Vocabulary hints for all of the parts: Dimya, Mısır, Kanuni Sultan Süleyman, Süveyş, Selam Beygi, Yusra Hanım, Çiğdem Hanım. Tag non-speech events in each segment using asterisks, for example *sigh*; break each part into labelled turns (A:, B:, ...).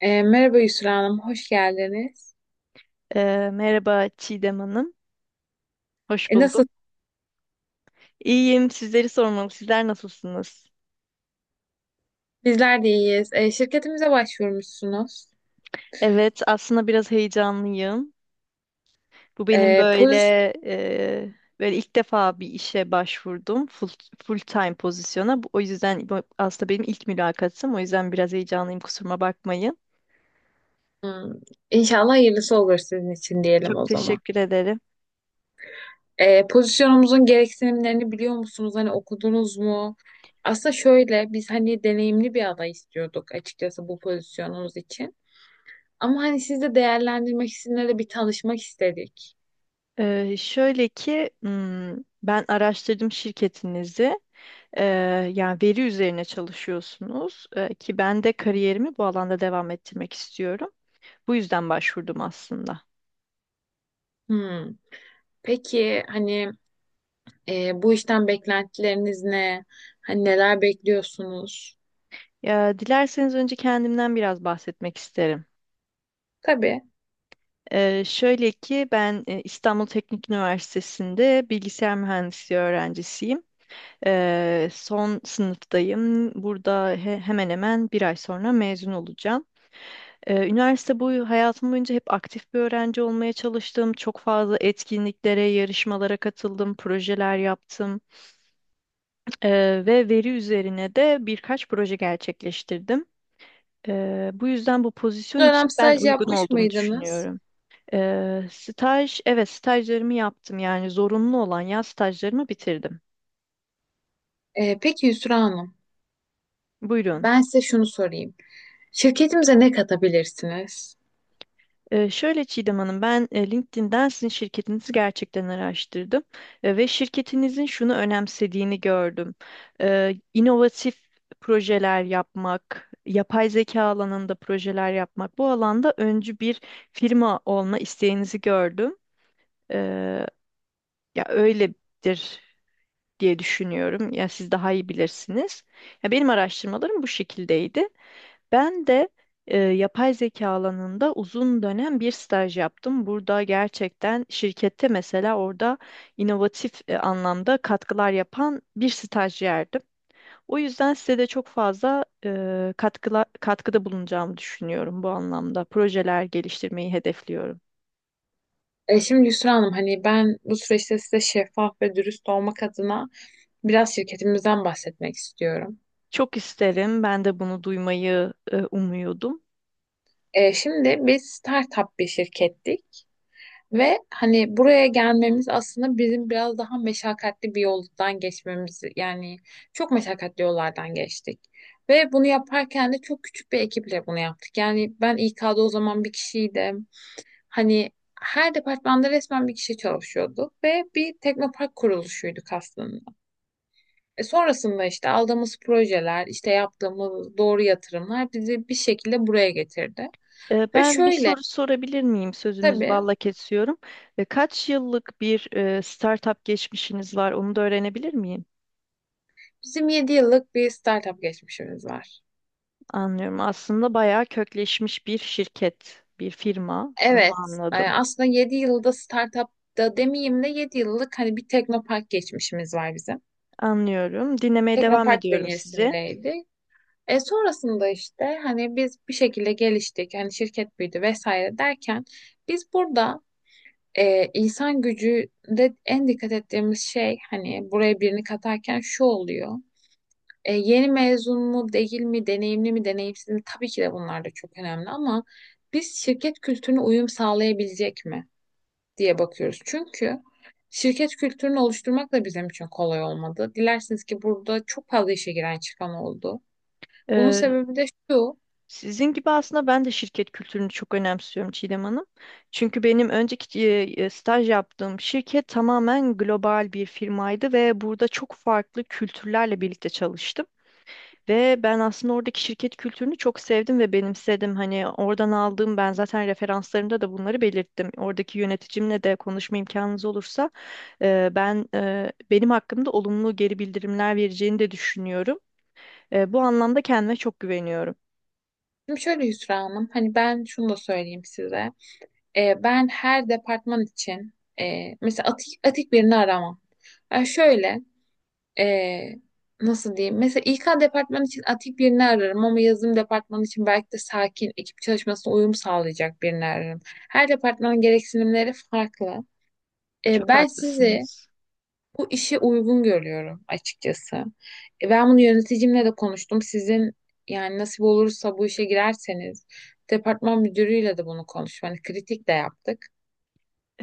A: Merhaba Yusra Hanım, hoş geldiniz.
B: Merhaba Çiğdem Hanım. Hoş
A: Nasıl?
B: buldum. İyiyim. Sizleri sormalı. Sizler nasılsınız?
A: Bizler de iyiyiz. Şirketimize başvurmuşsunuz.
B: Evet, aslında biraz heyecanlıyım. Bu
A: E,
B: benim
A: poz
B: e, böyle ilk defa bir işe başvurdum. Full time pozisyona. O yüzden bu aslında benim ilk mülakatım. O yüzden biraz heyecanlıyım. Kusuruma bakmayın.
A: Hmm, İnşallah hayırlısı olur sizin için diyelim
B: Çok
A: o zaman.
B: teşekkür ederim.
A: Pozisyonumuzun gereksinimlerini biliyor musunuz? Hani okudunuz mu? Aslında şöyle, biz hani deneyimli bir aday istiyorduk açıkçası bu pozisyonumuz için. Ama hani siz de değerlendirmek, sizinle de bir tanışmak istedik.
B: Şöyle ki ben araştırdım şirketinizi. Ee, Yani veri üzerine çalışıyorsunuz, ki ben de kariyerimi bu alanda devam ettirmek istiyorum. Bu yüzden başvurdum aslında.
A: Hmm. Peki, hani, bu işten beklentileriniz ne? Hani neler bekliyorsunuz?
B: Ya, dilerseniz önce kendimden biraz bahsetmek isterim.
A: Tabii.
B: Şöyle ki ben İstanbul Teknik Üniversitesi'nde bilgisayar mühendisliği öğrencisiyim. Son sınıftayım. Burada hemen hemen bir ay sonra mezun olacağım. Üniversite boyu Hayatım boyunca hep aktif bir öğrenci olmaya çalıştım. Çok fazla etkinliklere, yarışmalara katıldım, projeler yaptım. Ee, Ve veri üzerine de birkaç proje gerçekleştirdim. Bu yüzden bu
A: Bu
B: pozisyon için
A: dönem
B: ben
A: staj
B: uygun
A: yapmış
B: olduğumu
A: mıydınız?
B: düşünüyorum. Evet, stajlarımı yaptım, yani zorunlu olan yaz stajlarımı bitirdim.
A: Peki Yusra Hanım,
B: Buyurun.
A: ben size şunu sorayım. Şirketimize ne katabilirsiniz?
B: Şöyle Çiğdem Hanım, ben LinkedIn'den sizin şirketinizi gerçekten araştırdım. Ve şirketinizin şunu önemsediğini gördüm. İnovatif projeler yapmak, yapay zeka alanında projeler yapmak, bu alanda öncü bir firma olma isteğinizi gördüm. Ee, Ya öyledir diye düşünüyorum. Ya siz daha iyi bilirsiniz. Ya benim araştırmalarım bu şekildeydi. Ben de yapay zeka alanında uzun dönem bir staj yaptım. Burada gerçekten şirkette mesela orada inovatif anlamda katkılar yapan bir stajyerdim. O yüzden size de çok fazla katkıda bulunacağımı düşünüyorum bu anlamda. Projeler geliştirmeyi hedefliyorum.
A: Şimdi Yusra Hanım, hani ben bu süreçte size şeffaf ve dürüst olmak adına biraz şirketimizden bahsetmek istiyorum.
B: Çok isterim. Ben de bunu duymayı umuyordum.
A: Şimdi biz startup bir şirkettik. Ve hani buraya gelmemiz aslında bizim biraz daha meşakkatli bir yoldan geçmemiz, yani çok meşakkatli yollardan geçtik. Ve bunu yaparken de çok küçük bir ekiple bunu yaptık. Yani ben İK'da o zaman bir kişiydim. Hani her departmanda resmen bir kişi çalışıyordu ve bir teknopark kuruluşuyduk aslında. Sonrasında işte aldığımız projeler, işte yaptığımız doğru yatırımlar bizi bir şekilde buraya getirdi. Ve
B: Ben bir
A: şöyle,
B: soru sorabilir miyim? Sözünüz
A: tabii,
B: balla kesiyorum. Kaç yıllık bir startup geçmişiniz var? Onu da öğrenebilir miyim?
A: bizim 7 yıllık bir startup geçmişimiz var.
B: Anlıyorum. Aslında bayağı kökleşmiş bir şirket, bir firma. Onu
A: Evet,
B: anladım.
A: aslında 7 yılda startupta demeyeyim de 7 yıllık hani bir teknopark geçmişimiz var bizim.
B: Anlıyorum. Dinlemeye devam
A: Teknopark
B: ediyorum sizi.
A: bünyesindeydi. Sonrasında işte hani biz bir şekilde geliştik, hani şirket büyüdü vesaire derken biz burada insan gücünde en dikkat ettiğimiz şey hani buraya birini katarken şu oluyor. Yeni mezun mu değil mi, deneyimli mi deneyimsiz mi, tabii ki de bunlar da çok önemli ama biz şirket kültürüne uyum sağlayabilecek mi diye bakıyoruz. Çünkü şirket kültürünü oluşturmak da bizim için kolay olmadı. Dilersiniz ki burada çok fazla işe giren çıkan oldu. Bunun
B: Ee,
A: sebebi de şu.
B: Sizin gibi aslında ben de şirket kültürünü çok önemsiyorum Çiğdem Hanım. Çünkü benim önceki staj yaptığım şirket tamamen global bir firmaydı ve burada çok farklı kültürlerle birlikte çalıştım. Ve ben aslında oradaki şirket kültürünü çok sevdim ve benimsedim. Hani oradan aldığım ben zaten referanslarımda da bunları belirttim. Oradaki yöneticimle de konuşma imkanınız olursa benim hakkımda olumlu geri bildirimler vereceğini de düşünüyorum. Bu anlamda kendime çok güveniyorum.
A: Şimdi şöyle Hüsra Hanım, hani ben şunu da söyleyeyim size. Ben her departman için mesela atik birini aramam. Yani şöyle, e, nasıl diyeyim? Mesela İK departmanı için atik birini ararım ama yazılım departmanı için belki de sakin, ekip çalışmasına uyum sağlayacak birini ararım. Her departmanın gereksinimleri farklı.
B: Çok
A: Ben sizi
B: haklısınız.
A: bu işe uygun görüyorum açıkçası. Ben bunu yöneticimle de konuştum. Sizin, yani nasip olursa bu işe girerseniz, departman müdürüyle de bunu konuştum. Hani kritik de yaptık.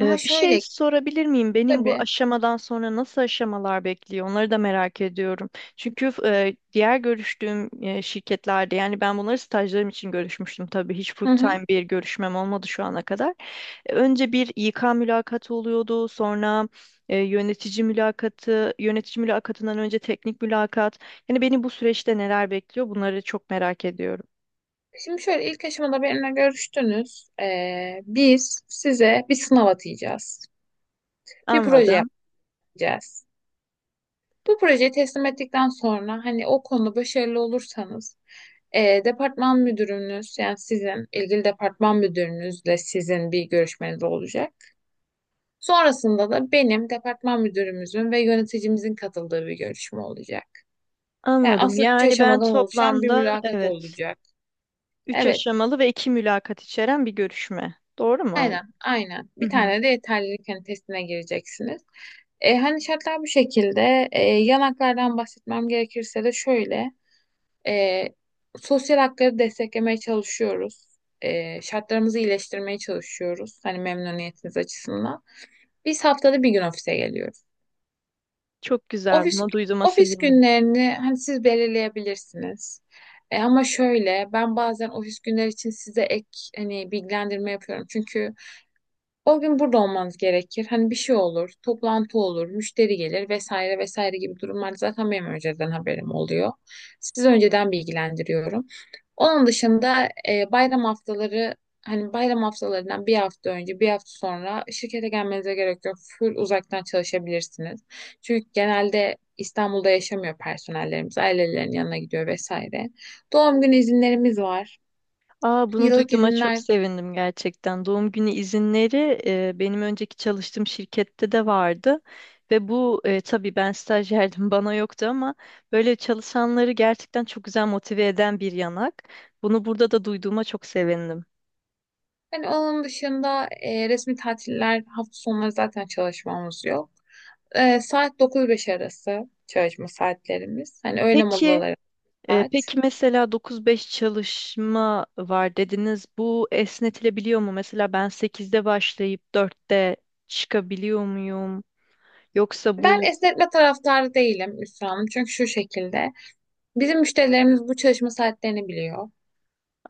B: Bir şey
A: şöyle,
B: sorabilir miyim? Benim bu
A: tabii.
B: aşamadan sonra nasıl aşamalar bekliyor? Onları da merak ediyorum. Çünkü diğer görüştüğüm şirketlerde, yani ben bunları stajlarım için görüşmüştüm tabii. Hiç full
A: Hı
B: time
A: hı.
B: bir görüşmem olmadı şu ana kadar. Önce bir İK mülakatı oluyordu. Sonra yönetici mülakatından önce teknik mülakat. Yani beni bu süreçte neler bekliyor? Bunları çok merak ediyorum.
A: Şimdi şöyle, ilk aşamada benimle görüştünüz. Biz size bir sınav atayacağız. Bir proje
B: Anladım.
A: yapacağız. Bu projeyi teslim ettikten sonra hani o konuda başarılı olursanız, departman müdürünüz, yani sizin ilgili departman müdürünüzle sizin bir görüşmeniz olacak. Sonrasında da benim departman müdürümüzün ve yöneticimizin katıldığı bir görüşme olacak. Yani
B: Anladım.
A: aslında üç
B: Yani ben
A: aşamadan oluşan bir
B: toplamda,
A: mülakat
B: evet,
A: olacak.
B: üç
A: Evet,
B: aşamalı ve iki mülakat içeren bir görüşme. Doğru mu anladım?
A: aynen, aynen.
B: Hı
A: Bir
B: hı.
A: tane de yeterlilik hani testine gireceksiniz. Hani şartlar bu şekilde. Yanaklardan bahsetmem gerekirse de şöyle. E, Sosyal hakları desteklemeye çalışıyoruz. Şartlarımızı iyileştirmeye çalışıyoruz. Hani memnuniyetiniz açısından. Biz haftada bir gün ofise geliyoruz.
B: Çok güzel.
A: Ofis
B: Buna duyduğuma
A: ofis
B: sevindim.
A: günlerini hani siz belirleyebilirsiniz. Ama şöyle, ben bazen ofis günleri için size ek hani bilgilendirme yapıyorum. Çünkü o gün burada olmanız gerekir. Hani bir şey olur, toplantı olur, müşteri gelir vesaire vesaire gibi durumlar zaten benim önceden haberim oluyor. Sizi önceden bilgilendiriyorum. Onun dışında bayram haftaları, hani bayram haftalarından bir hafta önce bir hafta sonra şirkete gelmenize gerek yok. Full uzaktan çalışabilirsiniz. Çünkü genelde İstanbul'da yaşamıyor personellerimiz. Ailelerinin yanına gidiyor vesaire. Doğum günü izinlerimiz var.
B: Aa, bunu
A: Yıllık
B: duyduğuma çok
A: izinler.
B: sevindim gerçekten. Doğum günü izinleri benim önceki çalıştığım şirkette de vardı. Ve bu tabii ben stajyerdim *laughs* bana yoktu ama böyle çalışanları gerçekten çok güzel motive eden bir yanak. Bunu burada da duyduğuma çok sevindim.
A: Hani onun dışında resmi tatiller, hafta sonları zaten çalışmamız yok. Saat 9-5 arası çalışma saatlerimiz. Hani öğle
B: Peki,
A: molaları
B: e,
A: saat.
B: peki mesela 9-5 çalışma var dediniz. Bu esnetilebiliyor mu? Mesela ben 8'de başlayıp 4'te çıkabiliyor muyum? Yoksa
A: Ben
B: bu...
A: esnetme taraftarı değilim Hüsnü Hanım. Çünkü şu şekilde, bizim müşterilerimiz bu çalışma saatlerini biliyor.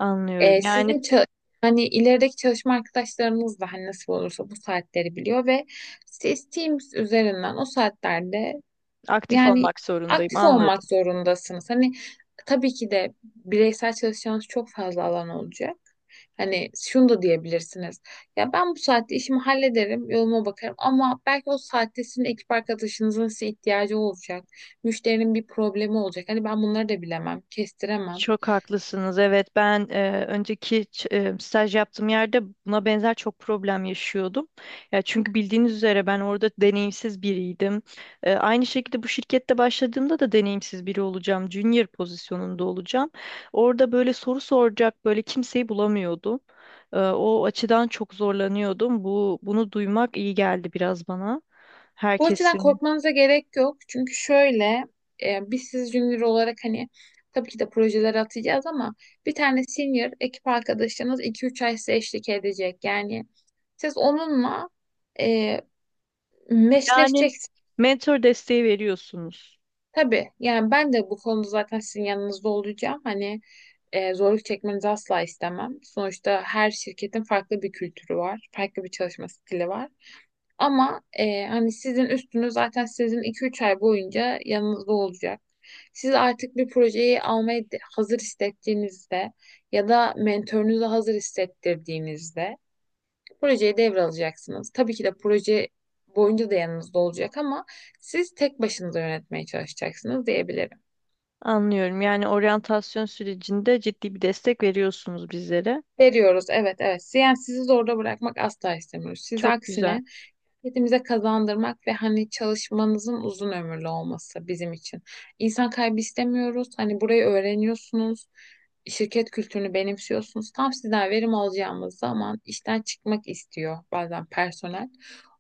B: Anlıyorum.
A: E,
B: Yani...
A: sizin ça- Hani ilerideki çalışma arkadaşlarınız da hani nasıl olursa bu saatleri biliyor ve siz Teams üzerinden o saatlerde...
B: Aktif
A: Yani
B: olmak zorundayım,
A: aktif olmak
B: anladım.
A: zorundasınız. Hani tabii ki de bireysel çalışacağınız çok fazla alan olacak. Hani şunu da diyebilirsiniz. Ya ben bu saatte işimi hallederim, yoluma bakarım ama belki o saatte sizin ekip arkadaşınızın size ihtiyacı olacak. Müşterinin bir problemi olacak. Hani ben bunları da bilemem, kestiremem.
B: Çok haklısınız. Evet, ben önceki staj yaptığım yerde buna benzer çok problem yaşıyordum. Ya çünkü bildiğiniz üzere ben orada deneyimsiz biriydim. Aynı şekilde bu şirkette başladığımda da deneyimsiz biri olacağım, junior pozisyonunda olacağım. Orada böyle soru soracak böyle kimseyi bulamıyordum. O açıdan çok zorlanıyordum. Bunu duymak iyi geldi biraz bana.
A: Bu açıdan
B: Herkesin.
A: korkmanıza gerek yok. Çünkü şöyle, biz siz junior olarak hani tabii ki de projelere atacağız ama bir tane senior ekip arkadaşınız 2-3 ay size eşlik edecek. Yani siz onunla e,
B: Yani
A: meşleşeceksiniz.
B: mentor desteği veriyorsunuz.
A: Tabii yani ben de bu konuda zaten sizin yanınızda olacağım. Hani zorluk çekmenizi asla istemem. Sonuçta her şirketin farklı bir kültürü var, farklı bir çalışma stili var. Ama hani sizin üstünüz zaten sizin 2-3 ay boyunca yanınızda olacak. Siz artık bir projeyi almaya hazır hissettiğinizde ya da mentorunuza hazır hissettirdiğinizde projeyi devralacaksınız. Tabii ki de proje boyunca da yanınızda olacak ama siz tek başınıza yönetmeye çalışacaksınız diyebilirim.
B: Anlıyorum. Yani oryantasyon sürecinde ciddi bir destek veriyorsunuz bizlere.
A: Veriyoruz, evet, evet. Yani sizi zorda bırakmak asla istemiyoruz. Siz
B: Çok güzel.
A: aksine... Kendimize kazandırmak ve hani çalışmanızın uzun ömürlü olması bizim için. İnsan kaybı istemiyoruz. Hani burayı öğreniyorsunuz. Şirket kültürünü benimsiyorsunuz. Tam sizden verim alacağımız zaman işten çıkmak istiyor bazen personel.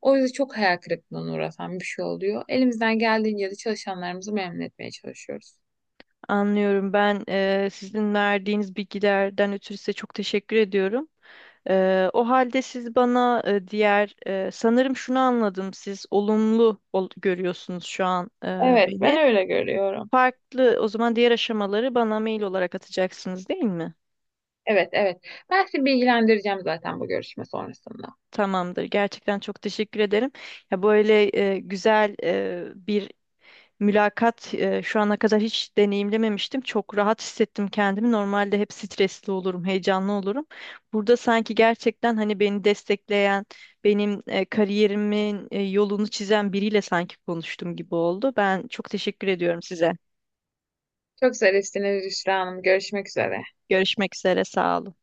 A: O yüzden çok hayal kırıklığına uğratan bir şey oluyor. Elimizden geldiğince de çalışanlarımızı memnun etmeye çalışıyoruz.
B: Anlıyorum. Ben sizin verdiğiniz bilgilerden ötürü size çok teşekkür ediyorum. O halde siz bana diğer sanırım şunu anladım. Siz olumlu görüyorsunuz şu an
A: Evet, ben
B: beni.
A: öyle görüyorum.
B: Farklı o zaman, diğer aşamaları bana mail olarak atacaksınız değil mi?
A: Evet, evet. Ben sizi bilgilendireceğim zaten bu görüşme sonrasında.
B: Tamamdır. Gerçekten çok teşekkür ederim. Ya böyle güzel bir mülakat şu ana kadar hiç deneyimlememiştim. Çok rahat hissettim kendimi. Normalde hep stresli olurum, heyecanlı olurum. Burada sanki gerçekten hani beni destekleyen, benim kariyerimin yolunu çizen biriyle sanki konuştum gibi oldu. Ben çok teşekkür ediyorum size.
A: Çok zarifsiniz Hüsra Hanım. Görüşmek üzere.
B: Görüşmek üzere, sağ olun.